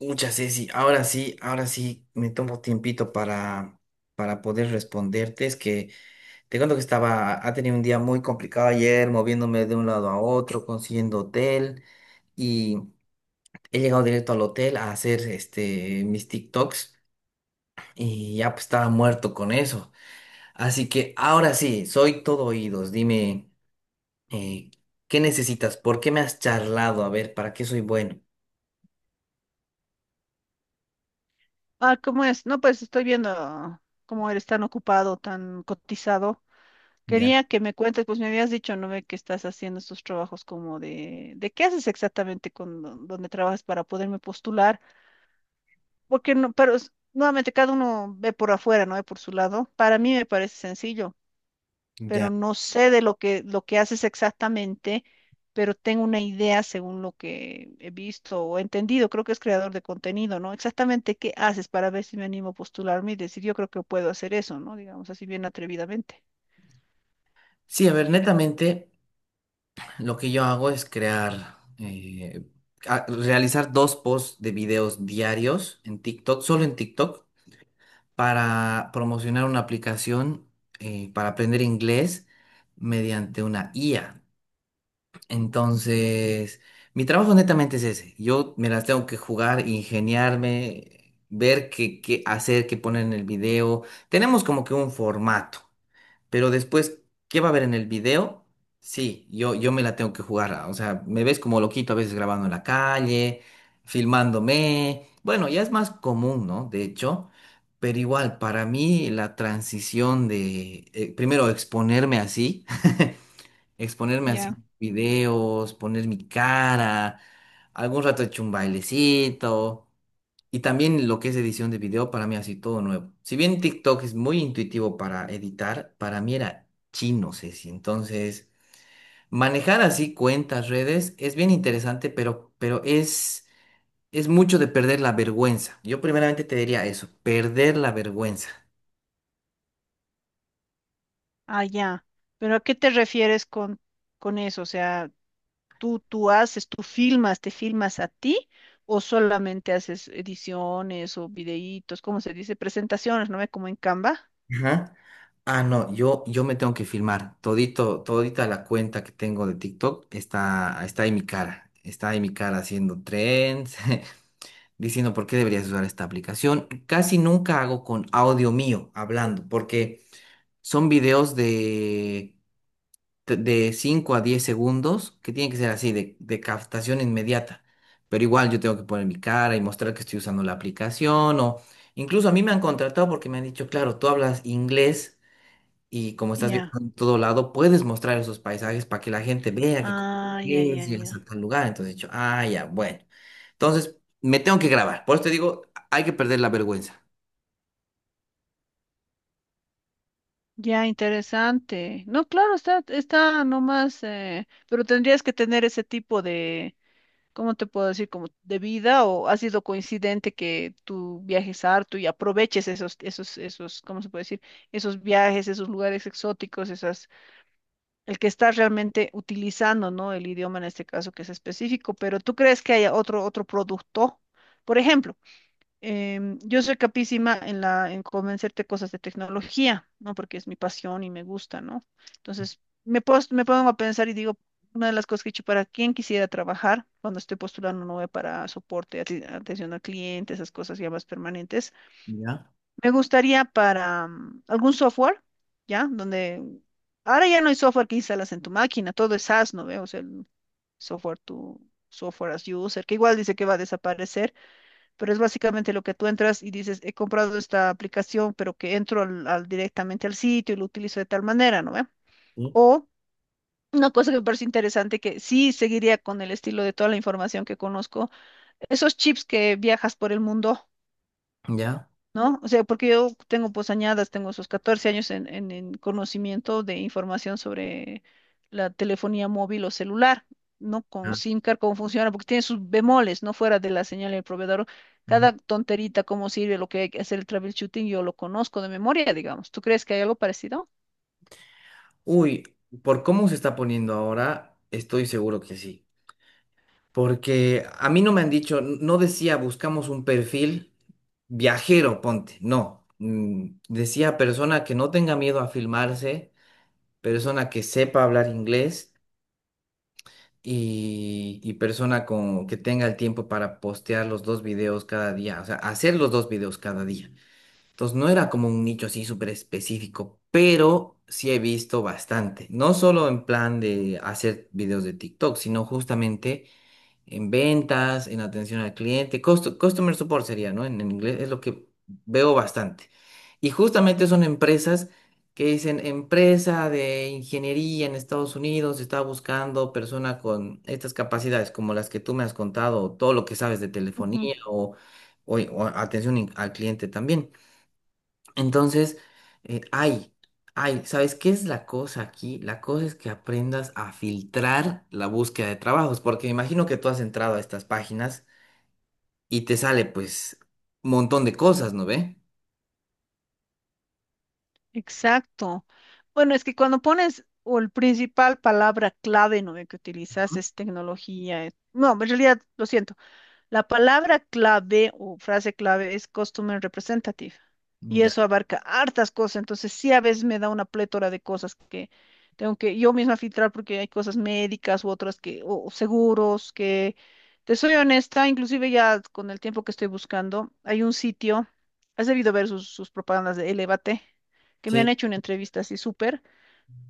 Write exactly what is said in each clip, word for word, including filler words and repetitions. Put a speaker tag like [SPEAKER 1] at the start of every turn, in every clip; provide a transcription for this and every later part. [SPEAKER 1] Muchas, Ceci. Ahora sí, ahora sí me tomo tiempito para, para poder responderte. Es que te cuento que estaba, ha tenido un día muy complicado ayer, moviéndome de un lado a otro, consiguiendo hotel y he llegado directo al hotel a hacer este, mis TikToks y ya pues estaba muerto con eso. Así que ahora sí, soy todo oídos. Dime, eh, ¿qué necesitas? ¿Por qué me has charlado? A ver, ¿para qué soy bueno?
[SPEAKER 2] Ah, ¿cómo es? No, pues estoy viendo cómo eres tan ocupado, tan cotizado.
[SPEAKER 1] Ya,
[SPEAKER 2] Quería que me cuentes, pues me habías dicho, ¿no ve que estás haciendo estos trabajos como de, de qué haces exactamente con don- donde trabajas para poderme postular? Porque no, pero es- nuevamente cada uno ve por afuera, ¿no? Ve por su lado. Para mí me parece sencillo, pero
[SPEAKER 1] ya.
[SPEAKER 2] no sé de lo que, lo que haces exactamente, pero tengo una idea según lo que he visto o entendido. Creo que es creador de contenido, ¿no? Exactamente qué haces para ver si me animo a postularme y decir, yo creo que puedo hacer eso, ¿no? Digamos así bien atrevidamente.
[SPEAKER 1] Sí, a ver, netamente. Lo que yo hago es crear, eh, a- realizar dos posts de videos diarios en TikTok, solo en TikTok, para promocionar una aplicación eh, para aprender inglés mediante una I A. Entonces, mi trabajo netamente es ese. Yo me las tengo que jugar, ingeniarme, ver qué, qué hacer, qué poner en el video. Tenemos como que un formato. Pero después, ¿qué va a haber en el video? Sí, yo, yo me la tengo que jugar. ah, O sea, me ves como loquito a veces grabando en la calle, filmándome. Bueno, ya es más común, ¿no? De hecho, pero igual, para mí la transición de, eh, primero, exponerme así, exponerme así
[SPEAKER 2] Ya.
[SPEAKER 1] en videos, poner mi cara, algún rato he hecho un bailecito. Y también lo que es edición de video, para mí así todo nuevo. Si bien TikTok es muy intuitivo para editar, para mí era chino, Ceci. Entonces, manejar así cuentas, redes, es bien interesante, pero, pero es, es mucho de perder la vergüenza. Yo primeramente te diría eso, perder la vergüenza.
[SPEAKER 2] Ah, ya. Pero ¿a qué te refieres con, con eso? O sea, tú, tú haces, tú filmas, te filmas a ti, o solamente haces ediciones o videitos, ¿cómo se dice? Presentaciones, ¿no ve? Como en Canva.
[SPEAKER 1] Ajá. Ah, no, yo, yo me tengo que filmar. Todito, todita la cuenta diciendo por qué deberías usar esta aplicación. Casi nunca hago con audio mío hablando, porque son videos de, de cinco a diez segundos que tienen que ser así, de, de captación inmediata. Pero igual yo tengo que poner mi cara y mostrar que estoy usando la aplicación o incluso a mí me han contratado porque me han dicho, claro, tú hablas inglés. Y como estás
[SPEAKER 2] Ya.
[SPEAKER 1] viajando en todo lado, puedes mostrar esos paisajes para que la gente vea que co-
[SPEAKER 2] Ah, ya, ya,
[SPEAKER 1] es y a
[SPEAKER 2] ya.
[SPEAKER 1] tal lugar. Entonces he dicho, ah, ya, bueno. Entonces me tengo que grabar. Por eso te digo, hay que perder la vergüenza.
[SPEAKER 2] Ya, interesante. No, claro, está, está nomás, eh, pero tendrías que tener ese tipo de, ¿cómo te puedo decir? Como de vida. O ha sido coincidente que tú viajes harto y aproveches esos, esos, esos, ¿cómo se puede decir? Esos viajes, esos lugares exóticos, esas, el que está realmente utilizando, ¿no? El idioma, en este caso que es específico. Pero ¿tú crees que haya otro, otro producto? Por ejemplo, em, yo soy capísima en la, en convencerte cosas de tecnología, ¿no? Porque es mi pasión y me gusta, ¿no? Entonces, me, pos- me pongo a pensar y digo, una de las cosas que he hecho para quién quisiera trabajar cuando estoy postulando nueve para soporte, ati- atención al cliente, esas cosas ya más permanentes.
[SPEAKER 1] ¿Ya?
[SPEAKER 2] Me gustaría para mm, algún software, ¿ya? Donde ahora ya no hay software que instalas en tu máquina, todo es SaaS, ¿no ve? O sea, el software, tu software as user, que igual dice que va a desaparecer, pero es básicamente lo que tú entras y dices, he comprado esta aplicación, pero que entro al, al- directamente al sitio y lo utilizo de tal manera, ¿no ve?
[SPEAKER 1] ¿Sí?
[SPEAKER 2] O una cosa que me parece interesante, que sí seguiría con el estilo de toda la información que conozco, esos chips que viajas por el mundo,
[SPEAKER 1] ¿Ya?
[SPEAKER 2] ¿no? O sea, porque yo tengo pues añadas, tengo esos catorce años en, en- en conocimiento de información sobre la telefonía móvil o celular, ¿no? Con
[SPEAKER 1] Ah.
[SPEAKER 2] SIM card, cómo funciona, porque tiene sus bemoles, ¿no? Fuera de la señal del proveedor, cada tonterita, cómo sirve, lo que hay que hacer el troubleshooting, yo lo conozco de memoria, digamos. ¿Tú crees que hay algo parecido?
[SPEAKER 1] Uy, por cómo se está poniendo ahora, estoy seguro que sí. Porque a mí no me han dicho, n- no decía buscamos un perfil viajero, ponte, no. Mm, Decía persona que no tenga miedo a filmarse, persona que sepa hablar inglés y, y persona con, que tenga el tiempo para postear los dos videos cada día, o sea, hacer los dos videos cada día. Entonces no era como un nicho así súper específico, pero sí he visto bastante, no solo en plan de hacer videos de TikTok, sino justamente en ventas, en atención al cliente, costu- customer support sería, ¿no? En, en inglés es lo que veo bastante. Y justamente son empresas que dicen, empresa de ingeniería en Estados Unidos está buscando persona con estas capacidades, como las que tú me has contado, o todo lo que sabes de
[SPEAKER 2] Ujú.
[SPEAKER 1] telefonía o, o- o atención in- al cliente también. Entonces, eh, ay, ay, ¿sabes qué es la cosa aquí? La cosa es que aprendas a filtrar la búsqueda de trabajos, porque me imagino que tú has entrado a estas páginas y te sale pues un montón de cosas, ¿no ve?
[SPEAKER 2] Exacto. Bueno, es que cuando pones, o el principal palabra clave, ¿no?, que utilizas
[SPEAKER 1] Ujú.
[SPEAKER 2] es tecnología. eh, No, en realidad, lo siento. La palabra clave o frase clave es Customer Representative, y
[SPEAKER 1] Ya.
[SPEAKER 2] eso abarca hartas cosas, entonces sí, a veces me da una plétora de cosas que tengo que yo misma filtrar, porque hay cosas médicas u otras que, o o seguros que, te soy honesta, inclusive ya con el tiempo que estoy buscando. Hay un sitio, has debido ver sus, sus propagandas de Elévate, que me han
[SPEAKER 1] Sí.
[SPEAKER 2] hecho una entrevista así súper,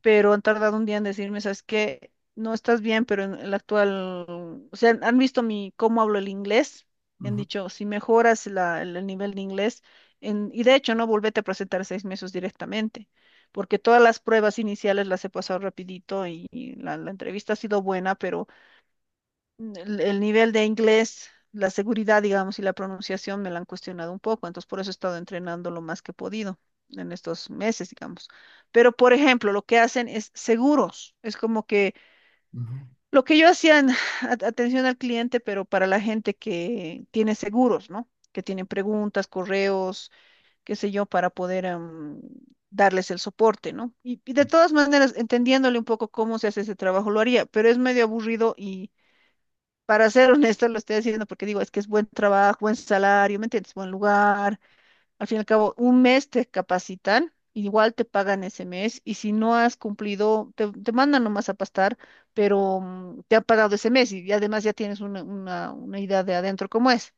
[SPEAKER 2] pero han tardado un día en decirme, ¿sabes qué? No estás bien, pero en el actual, o sea, han visto mi cómo hablo el inglés, y han
[SPEAKER 1] Ujú,
[SPEAKER 2] dicho, si mejoras la- el, el nivel de inglés, en- y de hecho, no, volvete a presentar seis meses directamente, porque todas las pruebas iniciales las he pasado rapidito, y, y la, la entrevista ha sido buena, pero el, el nivel de inglés, la seguridad, digamos, y la pronunciación me la han cuestionado un poco, entonces por eso he estado entrenando lo más que he podido en estos meses, digamos. Pero, por ejemplo, lo que hacen es seguros, es como que
[SPEAKER 1] ujú,
[SPEAKER 2] lo que yo hacía en at- atención al cliente, pero para la gente que tiene seguros, ¿no? Que tienen preguntas, correos, qué sé yo, para poder em, darles el soporte, ¿no? Y, y de
[SPEAKER 1] ujú.
[SPEAKER 2] todas maneras, entendiéndole un poco cómo se hace ese trabajo, lo haría, pero es medio aburrido y, para ser honesto, lo estoy haciendo porque digo, es que es buen trabajo, buen salario, ¿me entiendes? Buen lugar. Al fin y al cabo, un mes te capacitan, igual te pagan ese mes, y si no has cumplido, te, te mandan nomás a pastar, pero mm, te han pagado ese mes y, y además ya tienes una, una, una idea de adentro cómo es.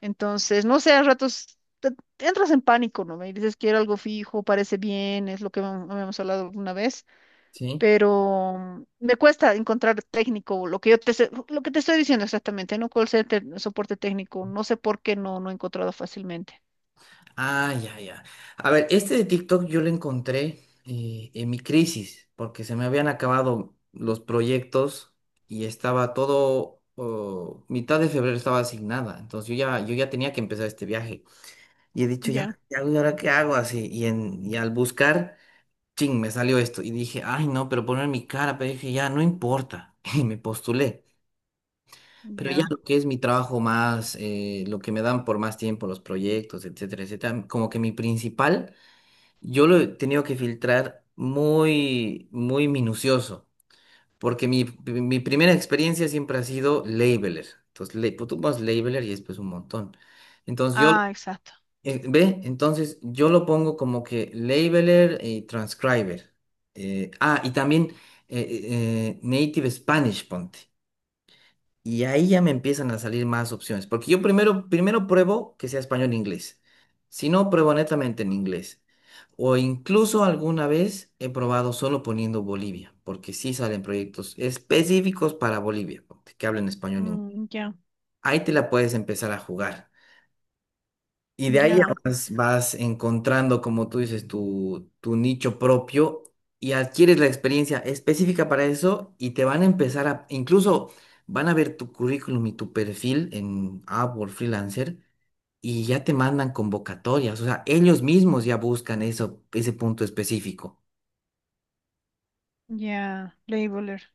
[SPEAKER 2] Entonces, no sé, a ratos te- te entras en pánico, ¿no? Y dices, quiero algo fijo, parece bien, es lo que habíamos hablado alguna vez,
[SPEAKER 1] Sí.
[SPEAKER 2] pero me cuesta encontrar técnico, lo que yo te, sé- lo que te estoy diciendo exactamente, ¿no? Call center, soporte técnico, no sé por qué no, no he encontrado fácilmente.
[SPEAKER 1] Ah, ya, ya. A ver, este de TikTok yo lo encontré eh, en mi crisis, porque se me habían acabado los proyectos y estaba todo, oh, mitad de febrero estaba asignada, entonces yo ya, yo ya tenía que empezar este viaje. Y he dicho, ya,
[SPEAKER 2] Ya,
[SPEAKER 1] ¿qué hago? ¿Y ahora qué hago? Así, y, en, y al buscar, ching, me salió esto. Y dije, ay, no, pero poner mi cara, pero dije, ya, no importa. Y me postulé. Pero ya
[SPEAKER 2] ya.
[SPEAKER 1] lo que es mi trabajo más, eh, lo que me dan por más tiempo, los proyectos, etcétera, etcétera, como que mi principal yo lo he tenido que filtrar muy, muy minucioso, porque mi, mi primera experiencia siempre ha sido labeler. Entonces, le, pues, tú vas labeler y después un montón. Entonces, yo,
[SPEAKER 2] Ah, exacto.
[SPEAKER 1] eh, ¿ve? Entonces, yo lo pongo como que labeler y transcriber. Eh, ah, y también eh, eh, eh, native Spanish, ponte. Y ahí ya me empiezan a salir más opciones, porque yo primero, primero pruebo que sea español-inglés. Si no, pruebo netamente en inglés. O incluso alguna vez he probado solo poniendo Bolivia, porque sí salen proyectos específicos para Bolivia, que hablen español.
[SPEAKER 2] Mm, ya,
[SPEAKER 1] Ahí te la puedes empezar a jugar. Y de ahí ya
[SPEAKER 2] ya,
[SPEAKER 1] vas, vas encontrando, como tú dices, tu, tu nicho propio y adquieres la experiencia específica para eso y te van a empezar a, incluso van a ver tu currículum y tu perfil en Upwork Freelancer y ya te mandan convocatorias, o sea, ellos mismos ya buscan eso, ese punto específico.
[SPEAKER 2] ya. Labeler.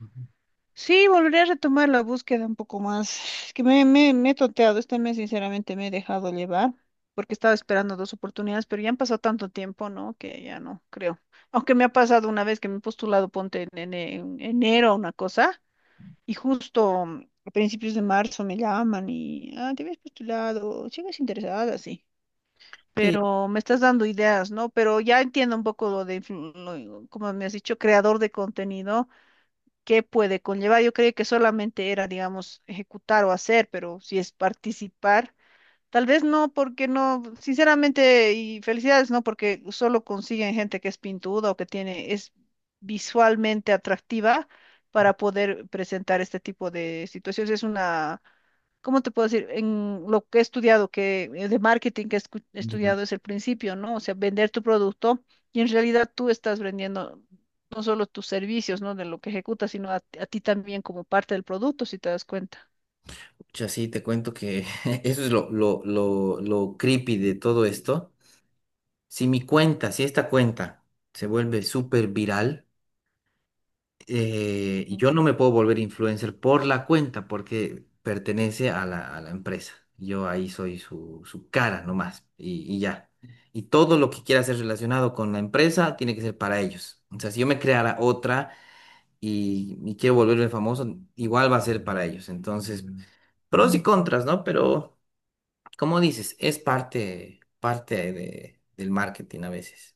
[SPEAKER 1] Ujú.
[SPEAKER 2] Sí, volveré a retomar la búsqueda un poco más. Es que me, me, me he tonteado este mes, sinceramente me he dejado llevar, porque estaba esperando dos oportunidades, pero ya han pasado tanto tiempo, ¿no? Que ya no creo. Aunque me ha pasado una vez que me he postulado, ponte en, en en enero una cosa. Y justo mm, a principios de marzo me llaman y, ah, te habías postulado, sigues interesada, sí.
[SPEAKER 1] Sí.
[SPEAKER 2] Pero me estás dando ideas, ¿no? Pero ya entiendo un poco lo de, influ- lo- como me has dicho, creador de contenido, qué puede conllevar. Yo creí que solamente era, digamos, ejecutar o hacer, pero si es participar. Tal vez no, porque no, sinceramente, y felicidades, no, porque solo consiguen gente que es pintuda o que tiene, es visualmente atractiva, para poder presentar este tipo de situaciones. Es una, ¿cómo te puedo decir? En lo que he estudiado, que eh, de marketing que he escu- he
[SPEAKER 1] Ya.
[SPEAKER 2] estudiado, es el principio, ¿no? O sea, vender tu producto. Y en realidad tú estás vendiendo no solo tus servicios, ¿no? De lo que ejecutas, sino a, a ti también como parte del producto, si te das cuenta.
[SPEAKER 1] Pucha, sí, te cuento que eso es lo, lo, lo, lo creepy de todo esto. Si mi cuenta, si esta cuenta se vuelve súper viral, eh, yo no me puedo volver influencer por la cuenta porque pertenece a la, a la empresa. Yo ahí soy su, su cara nomás y, y ya. Y todo lo que quiera ser relacionado con la empresa tiene que ser para ellos. O sea, si yo me creara otra y, y quiero volverme famoso, igual va a ser para ellos. Entonces, pros y contras, ¿no? Pero, como dices, es parte, parte de- del marketing a veces.